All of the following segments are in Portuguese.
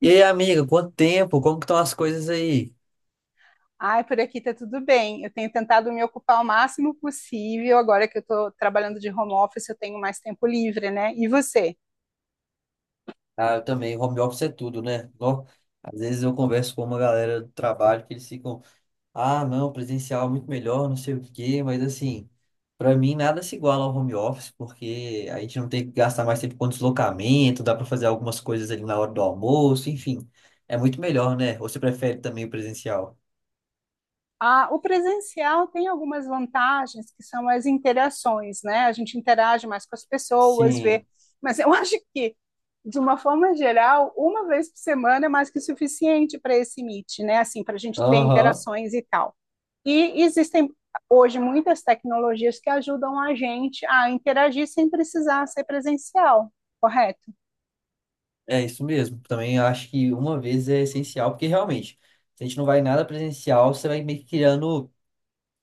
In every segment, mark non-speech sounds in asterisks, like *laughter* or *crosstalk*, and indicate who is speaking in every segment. Speaker 1: E aí, amiga, quanto tempo? Como que estão as coisas aí?
Speaker 2: Ai, por aqui tá tudo bem. Eu tenho tentado me ocupar o máximo possível. Agora que eu estou trabalhando de home office, eu tenho mais tempo livre, né? E você?
Speaker 1: Ah, eu também, home office é tudo, né? Ó, às vezes eu converso com uma galera do trabalho que eles ficam, ah, não, presencial é muito melhor, não sei o quê, mas assim, pra mim nada se iguala ao home office, porque a gente não tem que gastar mais tempo com deslocamento, dá pra fazer algumas coisas ali na hora do almoço, enfim, é muito melhor, né? Ou você prefere também o presencial?
Speaker 2: Ah, o presencial tem algumas vantagens que são as interações, né? A gente interage mais com as pessoas, vê.
Speaker 1: Sim.
Speaker 2: Mas eu *laughs* acho que, de uma forma geral, uma vez por semana é mais que suficiente para esse meet, né? Assim, para a gente ter
Speaker 1: Aham.
Speaker 2: interações e tal. E existem hoje muitas tecnologias que ajudam a gente a interagir sem precisar ser presencial, correto?
Speaker 1: É isso mesmo. Também acho que uma vez é essencial, porque realmente, se a gente não vai em nada presencial, você vai meio que criando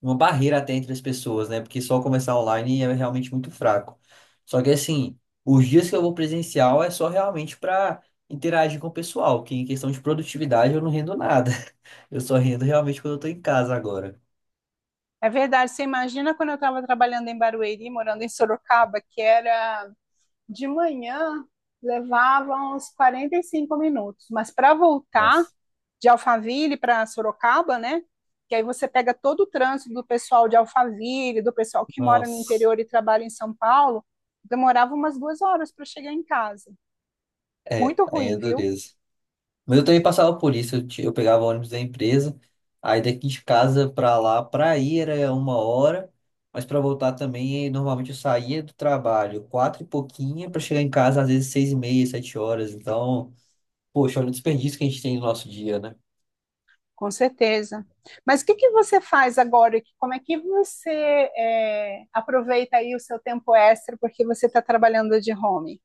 Speaker 1: uma barreira até entre as pessoas, né? Porque só começar online é realmente muito fraco. Só que assim, os dias que eu vou presencial é só realmente para interagir com o pessoal, que em questão de produtividade eu não rendo nada. *laughs* Eu só rendo realmente quando eu tô em casa agora.
Speaker 2: É verdade. Você imagina quando eu estava trabalhando em Barueri, morando em Sorocaba, que era de manhã, levava uns 45 minutos, mas para voltar
Speaker 1: Nossa,
Speaker 2: de Alphaville para Sorocaba, né? Que aí você pega todo o trânsito do pessoal de Alphaville, do pessoal que mora no
Speaker 1: nossa.
Speaker 2: interior e trabalha em São Paulo, demorava umas duas horas para chegar em casa.
Speaker 1: É,
Speaker 2: Muito
Speaker 1: aí
Speaker 2: ruim,
Speaker 1: é
Speaker 2: viu?
Speaker 1: dureza. Mas eu também passava por isso, eu pegava o ônibus da empresa, aí daqui de casa pra lá, pra ir era 1 hora, mas pra voltar também, normalmente eu saía do trabalho quatro e pouquinha pra chegar em casa às vezes 6:30, 7 horas, então, poxa, olha o desperdício que a gente tem no nosso dia, né?
Speaker 2: Com certeza. Mas o que, que você faz agora? Como é que aproveita aí o seu tempo extra porque você está trabalhando de home?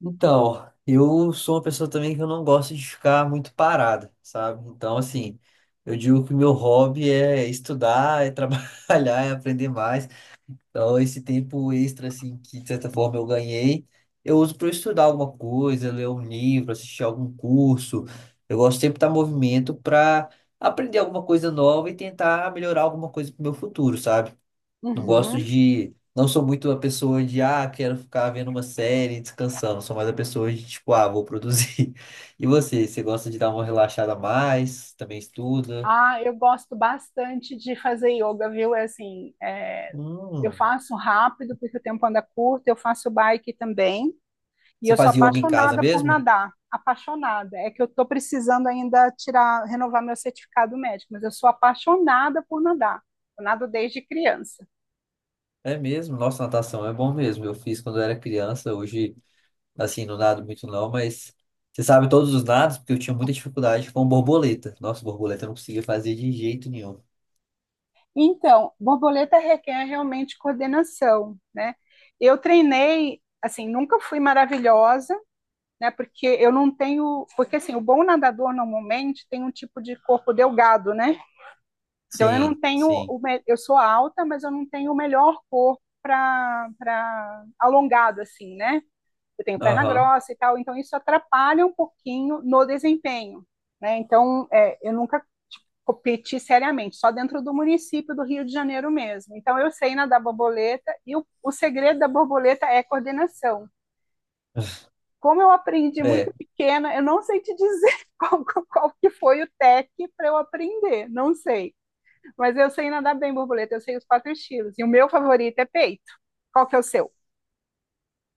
Speaker 1: Então, eu sou uma pessoa também que eu não gosto de ficar muito parada, sabe? Então, assim, eu digo que o meu hobby é estudar, é *laughs* trabalhar, é aprender mais, então, esse tempo extra, assim, que de certa forma eu ganhei, eu uso para estudar alguma coisa, ler um livro, assistir algum curso. Eu gosto sempre de estar em movimento para aprender alguma coisa nova e tentar melhorar alguma coisa para o meu futuro, sabe? Não gosto
Speaker 2: Uhum.
Speaker 1: de. Não sou muito a pessoa de, ah, quero ficar vendo uma série e descansando. Sou mais a pessoa de, tipo, ah, vou produzir. *laughs* E você? Você gosta de dar uma relaxada a mais? Também estuda?
Speaker 2: Ah, eu gosto bastante de fazer yoga, viu? Eu
Speaker 1: Hum.
Speaker 2: faço rápido porque o tempo anda curto, eu faço bike também, e
Speaker 1: Você
Speaker 2: eu sou
Speaker 1: faz yoga em casa
Speaker 2: apaixonada por
Speaker 1: mesmo?
Speaker 2: nadar. Apaixonada. É que eu estou precisando ainda tirar, renovar meu certificado médico, mas eu sou apaixonada por nadar. Eu nado desde criança.
Speaker 1: É mesmo, nossa, natação é bom mesmo. Eu fiz quando eu era criança, hoje, assim, não nado muito não, mas você sabe todos os nados, porque eu tinha muita dificuldade com borboleta. Nossa, borboleta eu não conseguia fazer de jeito nenhum.
Speaker 2: Então, borboleta requer realmente coordenação, né? Eu treinei, assim, nunca fui maravilhosa, né? Porque eu não tenho, porque assim, o bom nadador normalmente tem um tipo de corpo delgado, né? Então eu não
Speaker 1: Sim,
Speaker 2: tenho,
Speaker 1: sim.
Speaker 2: eu sou alta, mas eu não tenho o melhor corpo para alongado assim, né? Eu tenho perna
Speaker 1: Aham.
Speaker 2: grossa e tal, então isso atrapalha um pouquinho no desempenho, né? Eu nunca competir seriamente, só dentro do município do Rio de Janeiro mesmo. Então, eu sei nadar borboleta e o segredo da borboleta é coordenação. Como eu aprendi muito
Speaker 1: É.
Speaker 2: pequena, eu não sei te dizer *laughs* qual que foi o tec para eu aprender, não sei. Mas eu sei nadar bem borboleta, eu sei os quatro estilos. E o meu favorito é peito. Qual que é o seu?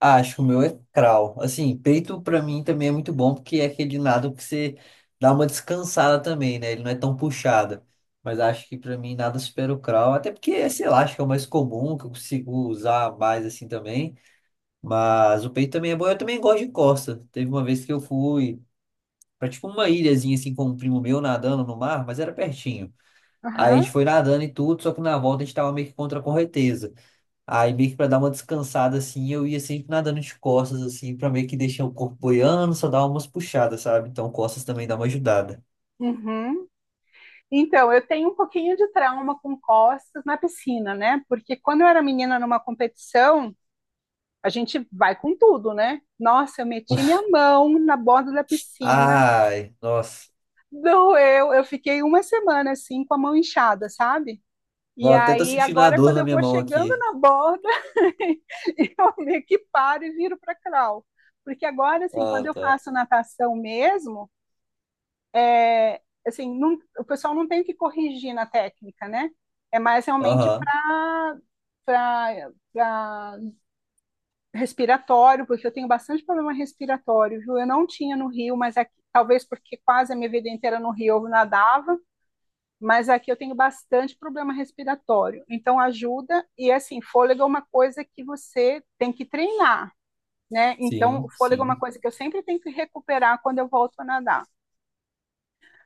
Speaker 1: Ah, acho que o meu é crawl. Assim, peito pra mim também é muito bom, porque é aquele nado que você dá uma descansada também, né? Ele não é tão puxado. Mas acho que pra mim nada supera o crawl, até porque, sei lá, acho que é o mais comum, que eu consigo usar mais assim também. Mas o peito também é bom. Eu também gosto de costa. Teve uma vez que eu fui pra tipo uma ilhazinha assim com um primo meu nadando no mar, mas era pertinho. Aí a
Speaker 2: Aham.
Speaker 1: gente foi nadando e tudo, só que na volta a gente tava meio que contra a correnteza. Aí meio que pra dar uma descansada assim, eu ia sempre nadando de costas assim, pra meio que deixar o corpo boiando, só dar umas puxadas, sabe? Então costas também dá uma ajudada.
Speaker 2: Uhum. Então, eu tenho um pouquinho de trauma com costas na piscina, né? Porque quando eu era menina numa competição, a gente vai com tudo, né? Nossa, eu meti minha mão na borda da piscina,
Speaker 1: Ai, nossa.
Speaker 2: doeu, eu fiquei uma semana assim com a mão inchada, sabe? E
Speaker 1: Ó, até tô
Speaker 2: aí,
Speaker 1: sentindo a
Speaker 2: agora,
Speaker 1: dor
Speaker 2: quando
Speaker 1: na
Speaker 2: eu
Speaker 1: minha
Speaker 2: vou
Speaker 1: mão
Speaker 2: chegando
Speaker 1: aqui.
Speaker 2: na borda, *laughs* eu meio que paro e viro para crawl. Porque agora, assim, quando
Speaker 1: Ah,
Speaker 2: eu
Speaker 1: tá.
Speaker 2: faço natação mesmo, é, assim, não, o pessoal não tem que corrigir na técnica, né? É mais realmente
Speaker 1: Aham.
Speaker 2: para para respiratório, porque eu tenho bastante problema respiratório, viu? Eu não tinha no Rio, mas aqui, talvez porque quase a minha vida inteira no Rio eu nadava, mas aqui eu tenho bastante problema respiratório. Então ajuda e assim, fôlego é uma coisa que você tem que treinar, né? Então
Speaker 1: Sim,
Speaker 2: o fôlego é uma
Speaker 1: sim.
Speaker 2: coisa que eu sempre tenho que recuperar quando eu volto a nadar.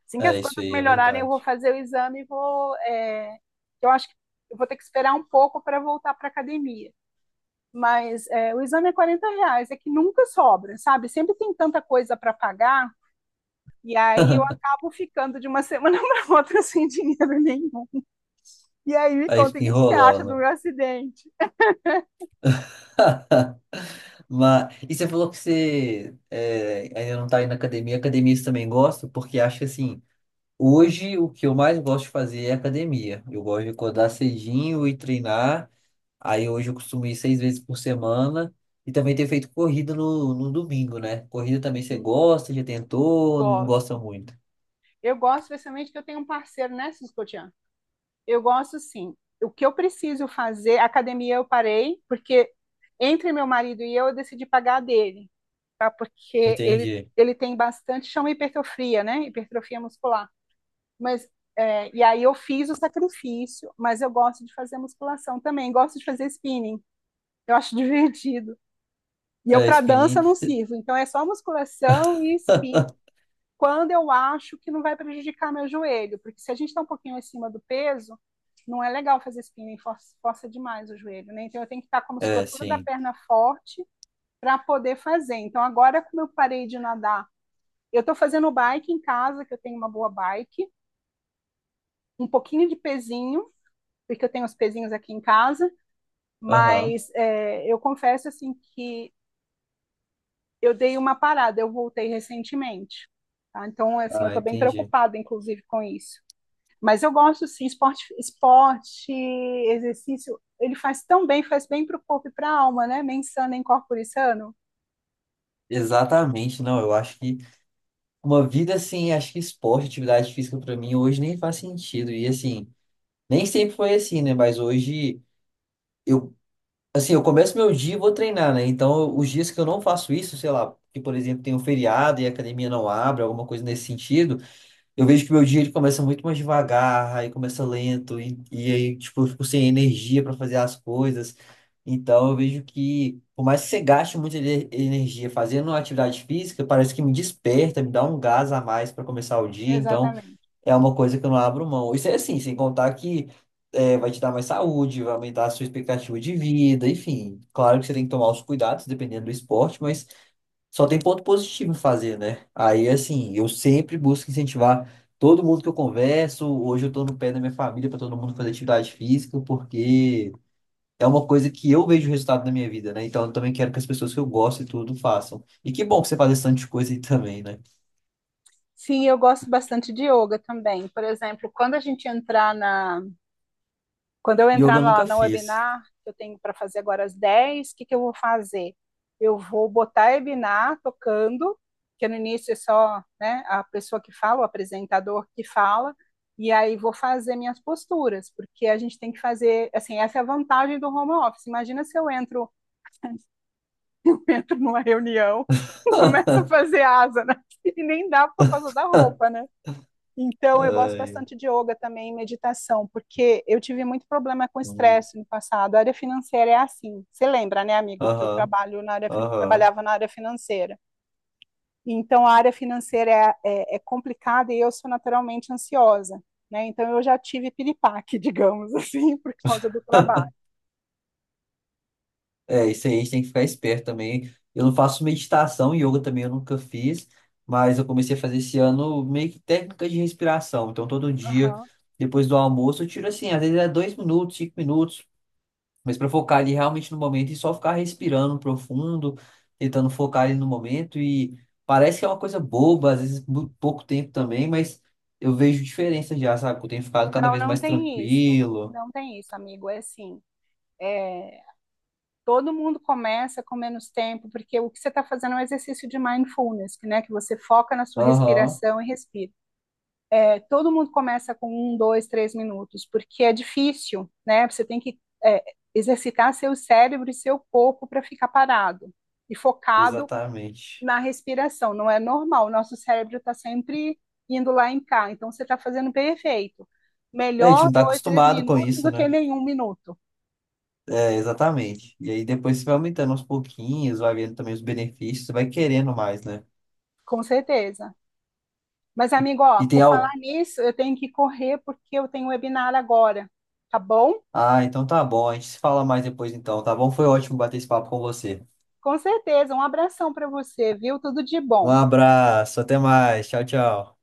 Speaker 2: Assim que as
Speaker 1: É isso
Speaker 2: coisas
Speaker 1: aí, é
Speaker 2: melhorarem, eu vou
Speaker 1: verdade.
Speaker 2: fazer o exame e vou. Eu acho que eu vou ter que esperar um pouco para voltar para a academia. O exame é R$ 40, é que nunca sobra, sabe? Sempre tem tanta coisa para pagar, e aí eu
Speaker 1: *laughs*
Speaker 2: acabo ficando de uma *laughs* semana para outra sem dinheiro nenhum. E aí me
Speaker 1: Aí
Speaker 2: conta, o
Speaker 1: fica
Speaker 2: que que você acha do
Speaker 1: enrolando.
Speaker 2: meu acidente?
Speaker 1: *laughs* Mas, e você falou que você é, ainda não está indo na academia. Academia eu também gosto, porque acho que assim, hoje o que eu mais gosto de fazer é academia. Eu gosto de acordar cedinho e treinar. Aí hoje eu costumo ir seis vezes por semana. E também ter feito corrida no domingo, né? Corrida também você
Speaker 2: Uhum.
Speaker 1: gosta, já tentou, não gosta
Speaker 2: Gosto.
Speaker 1: muito.
Speaker 2: Eu gosto especialmente que eu tenho um parceiro, né, Cisco. Eu gosto sim. O que eu preciso fazer, a academia eu parei, porque entre meu marido e eu decidi pagar a dele, tá? Porque ele,
Speaker 1: Entendi.
Speaker 2: ele tem bastante, chama hipertrofia, né? Hipertrofia muscular. Mas, e aí eu fiz o sacrifício, mas eu gosto de fazer musculação também, gosto de fazer spinning, eu acho *laughs* divertido. E eu
Speaker 1: É,
Speaker 2: para dança
Speaker 1: spinning.
Speaker 2: não sirvo, então é só musculação e spinning. Quando eu acho que não vai prejudicar meu joelho, porque se a gente está um pouquinho acima do peso, não é legal fazer spinning, força demais o joelho, né? Então eu tenho que estar com a
Speaker 1: É,
Speaker 2: musculatura da
Speaker 1: sim.
Speaker 2: perna forte para poder fazer. Então agora como eu parei de nadar, eu estou fazendo bike em casa, que eu tenho uma boa bike, um pouquinho de pezinho porque eu tenho os pezinhos aqui em casa,
Speaker 1: Aham.
Speaker 2: eu confesso assim que eu dei uma parada, eu voltei recentemente. Tá? Então, assim, eu
Speaker 1: Ah,
Speaker 2: estou bem
Speaker 1: entendi.
Speaker 2: preocupada, inclusive, com isso. Mas eu gosto, sim, esporte, esporte, exercício, ele faz tão bem, faz bem para o corpo e para a alma, né? Mensana em corpore sano.
Speaker 1: Exatamente, não. Eu acho que. Uma vida assim, acho que esporte, atividade física pra mim hoje nem faz sentido. E assim, nem sempre foi assim, né? Mas hoje eu, assim, eu começo meu dia e vou treinar, né? Então, os dias que eu não faço isso, sei lá, que por exemplo tem um feriado e a academia não abre, alguma coisa nesse sentido, eu vejo que meu dia ele começa muito mais devagar, aí começa lento, e aí, tipo, eu fico sem energia para fazer as coisas. Então, eu vejo que, por mais que você gaste muita energia fazendo uma atividade física, parece que me desperta, me dá um gás a mais para começar o dia. Então,
Speaker 2: Exatamente.
Speaker 1: é uma coisa que eu não abro mão. Isso é assim, sem contar que é, vai te dar mais saúde, vai aumentar a sua expectativa de vida, enfim. Claro que você tem que tomar os cuidados, dependendo do esporte, mas. Só tem ponto positivo em fazer, né? Aí, assim, eu sempre busco incentivar todo mundo que eu converso. Hoje eu tô no pé da minha família para todo mundo fazer atividade física, porque é uma coisa que eu vejo o resultado na minha vida, né? Então eu também quero que as pessoas que eu gosto e tudo façam. E que bom que você faz esse tanto de coisa aí também, né?
Speaker 2: Sim, eu gosto bastante de yoga também. Por exemplo, quando eu
Speaker 1: Yoga
Speaker 2: entrar
Speaker 1: eu
Speaker 2: na,
Speaker 1: nunca
Speaker 2: na
Speaker 1: fiz.
Speaker 2: webinar, que eu tenho para fazer agora às 10h, o que, que eu vou fazer? Eu vou botar a webinar tocando, que no início é só né, a pessoa que fala, o apresentador que fala, e aí vou fazer minhas posturas, porque a gente tem que fazer, assim, essa é a vantagem do home office. Imagina se eu entro, *laughs* entro numa reunião, *laughs* começo a
Speaker 1: *laughs*
Speaker 2: fazer asa, né? *laughs* E nem dá por causa da roupa, né? Então, eu gosto
Speaker 1: Ai,
Speaker 2: bastante de yoga também, e meditação, porque eu tive muito problema com
Speaker 1: hum,
Speaker 2: estresse no passado. A área financeira é assim. Você lembra, né, amigo, que eu
Speaker 1: aham,
Speaker 2: trabalho na área,
Speaker 1: aham.
Speaker 2: trabalhava na área financeira. Então, a área financeira é complicada e eu sou naturalmente ansiosa, né? Então, eu já tive piripaque, *laughs* digamos assim, por causa do trabalho.
Speaker 1: É, isso aí a gente tem que ficar esperto também. Eu não faço meditação, yoga também eu nunca fiz, mas eu comecei a fazer esse ano meio que técnica de respiração. Então, todo dia,
Speaker 2: Aham.
Speaker 1: depois do almoço, eu tiro assim, às vezes é 2 minutos, 5 minutos, mas para focar ali realmente no momento e só ficar respirando profundo, tentando focar ali no momento. E parece que é uma coisa boba, às vezes muito pouco tempo também, mas eu vejo diferença já, sabe? Que eu tenho ficado cada
Speaker 2: Não,
Speaker 1: vez
Speaker 2: não
Speaker 1: mais
Speaker 2: tem isso.
Speaker 1: tranquilo.
Speaker 2: Não tem isso, amigo. É, Todo mundo começa com menos tempo, porque o que você está fazendo é um exercício de mindfulness, né? Que você foca na sua
Speaker 1: Aham,
Speaker 2: respiração e respira. É, todo mundo começa com um, dois, três minutos, porque é difícil, né? Você tem que é, exercitar seu cérebro e seu corpo para ficar parado e focado
Speaker 1: exatamente.
Speaker 2: na respiração. Não é normal, o nosso cérebro está sempre indo lá em cá, então você está fazendo perfeito.
Speaker 1: É, a gente
Speaker 2: Melhor
Speaker 1: não tá
Speaker 2: dois, três
Speaker 1: acostumado com
Speaker 2: minutos
Speaker 1: isso,
Speaker 2: do que
Speaker 1: né?
Speaker 2: nenhum minuto,
Speaker 1: É, exatamente. E aí depois você vai aumentando aos pouquinhos, vai vendo também os benefícios, você vai querendo mais, né?
Speaker 2: com certeza. Mas,
Speaker 1: E,
Speaker 2: amigo, ó,
Speaker 1: e tem
Speaker 2: por falar
Speaker 1: algo.
Speaker 2: nisso, eu tenho que correr porque eu tenho um webinar agora, tá bom?
Speaker 1: Ah, então tá bom, a gente se fala mais depois então, tá bom? Foi ótimo bater esse papo com você.
Speaker 2: Com certeza. Um abração para você, viu? Tudo de
Speaker 1: Um
Speaker 2: bom.
Speaker 1: abraço, até mais. Tchau, tchau.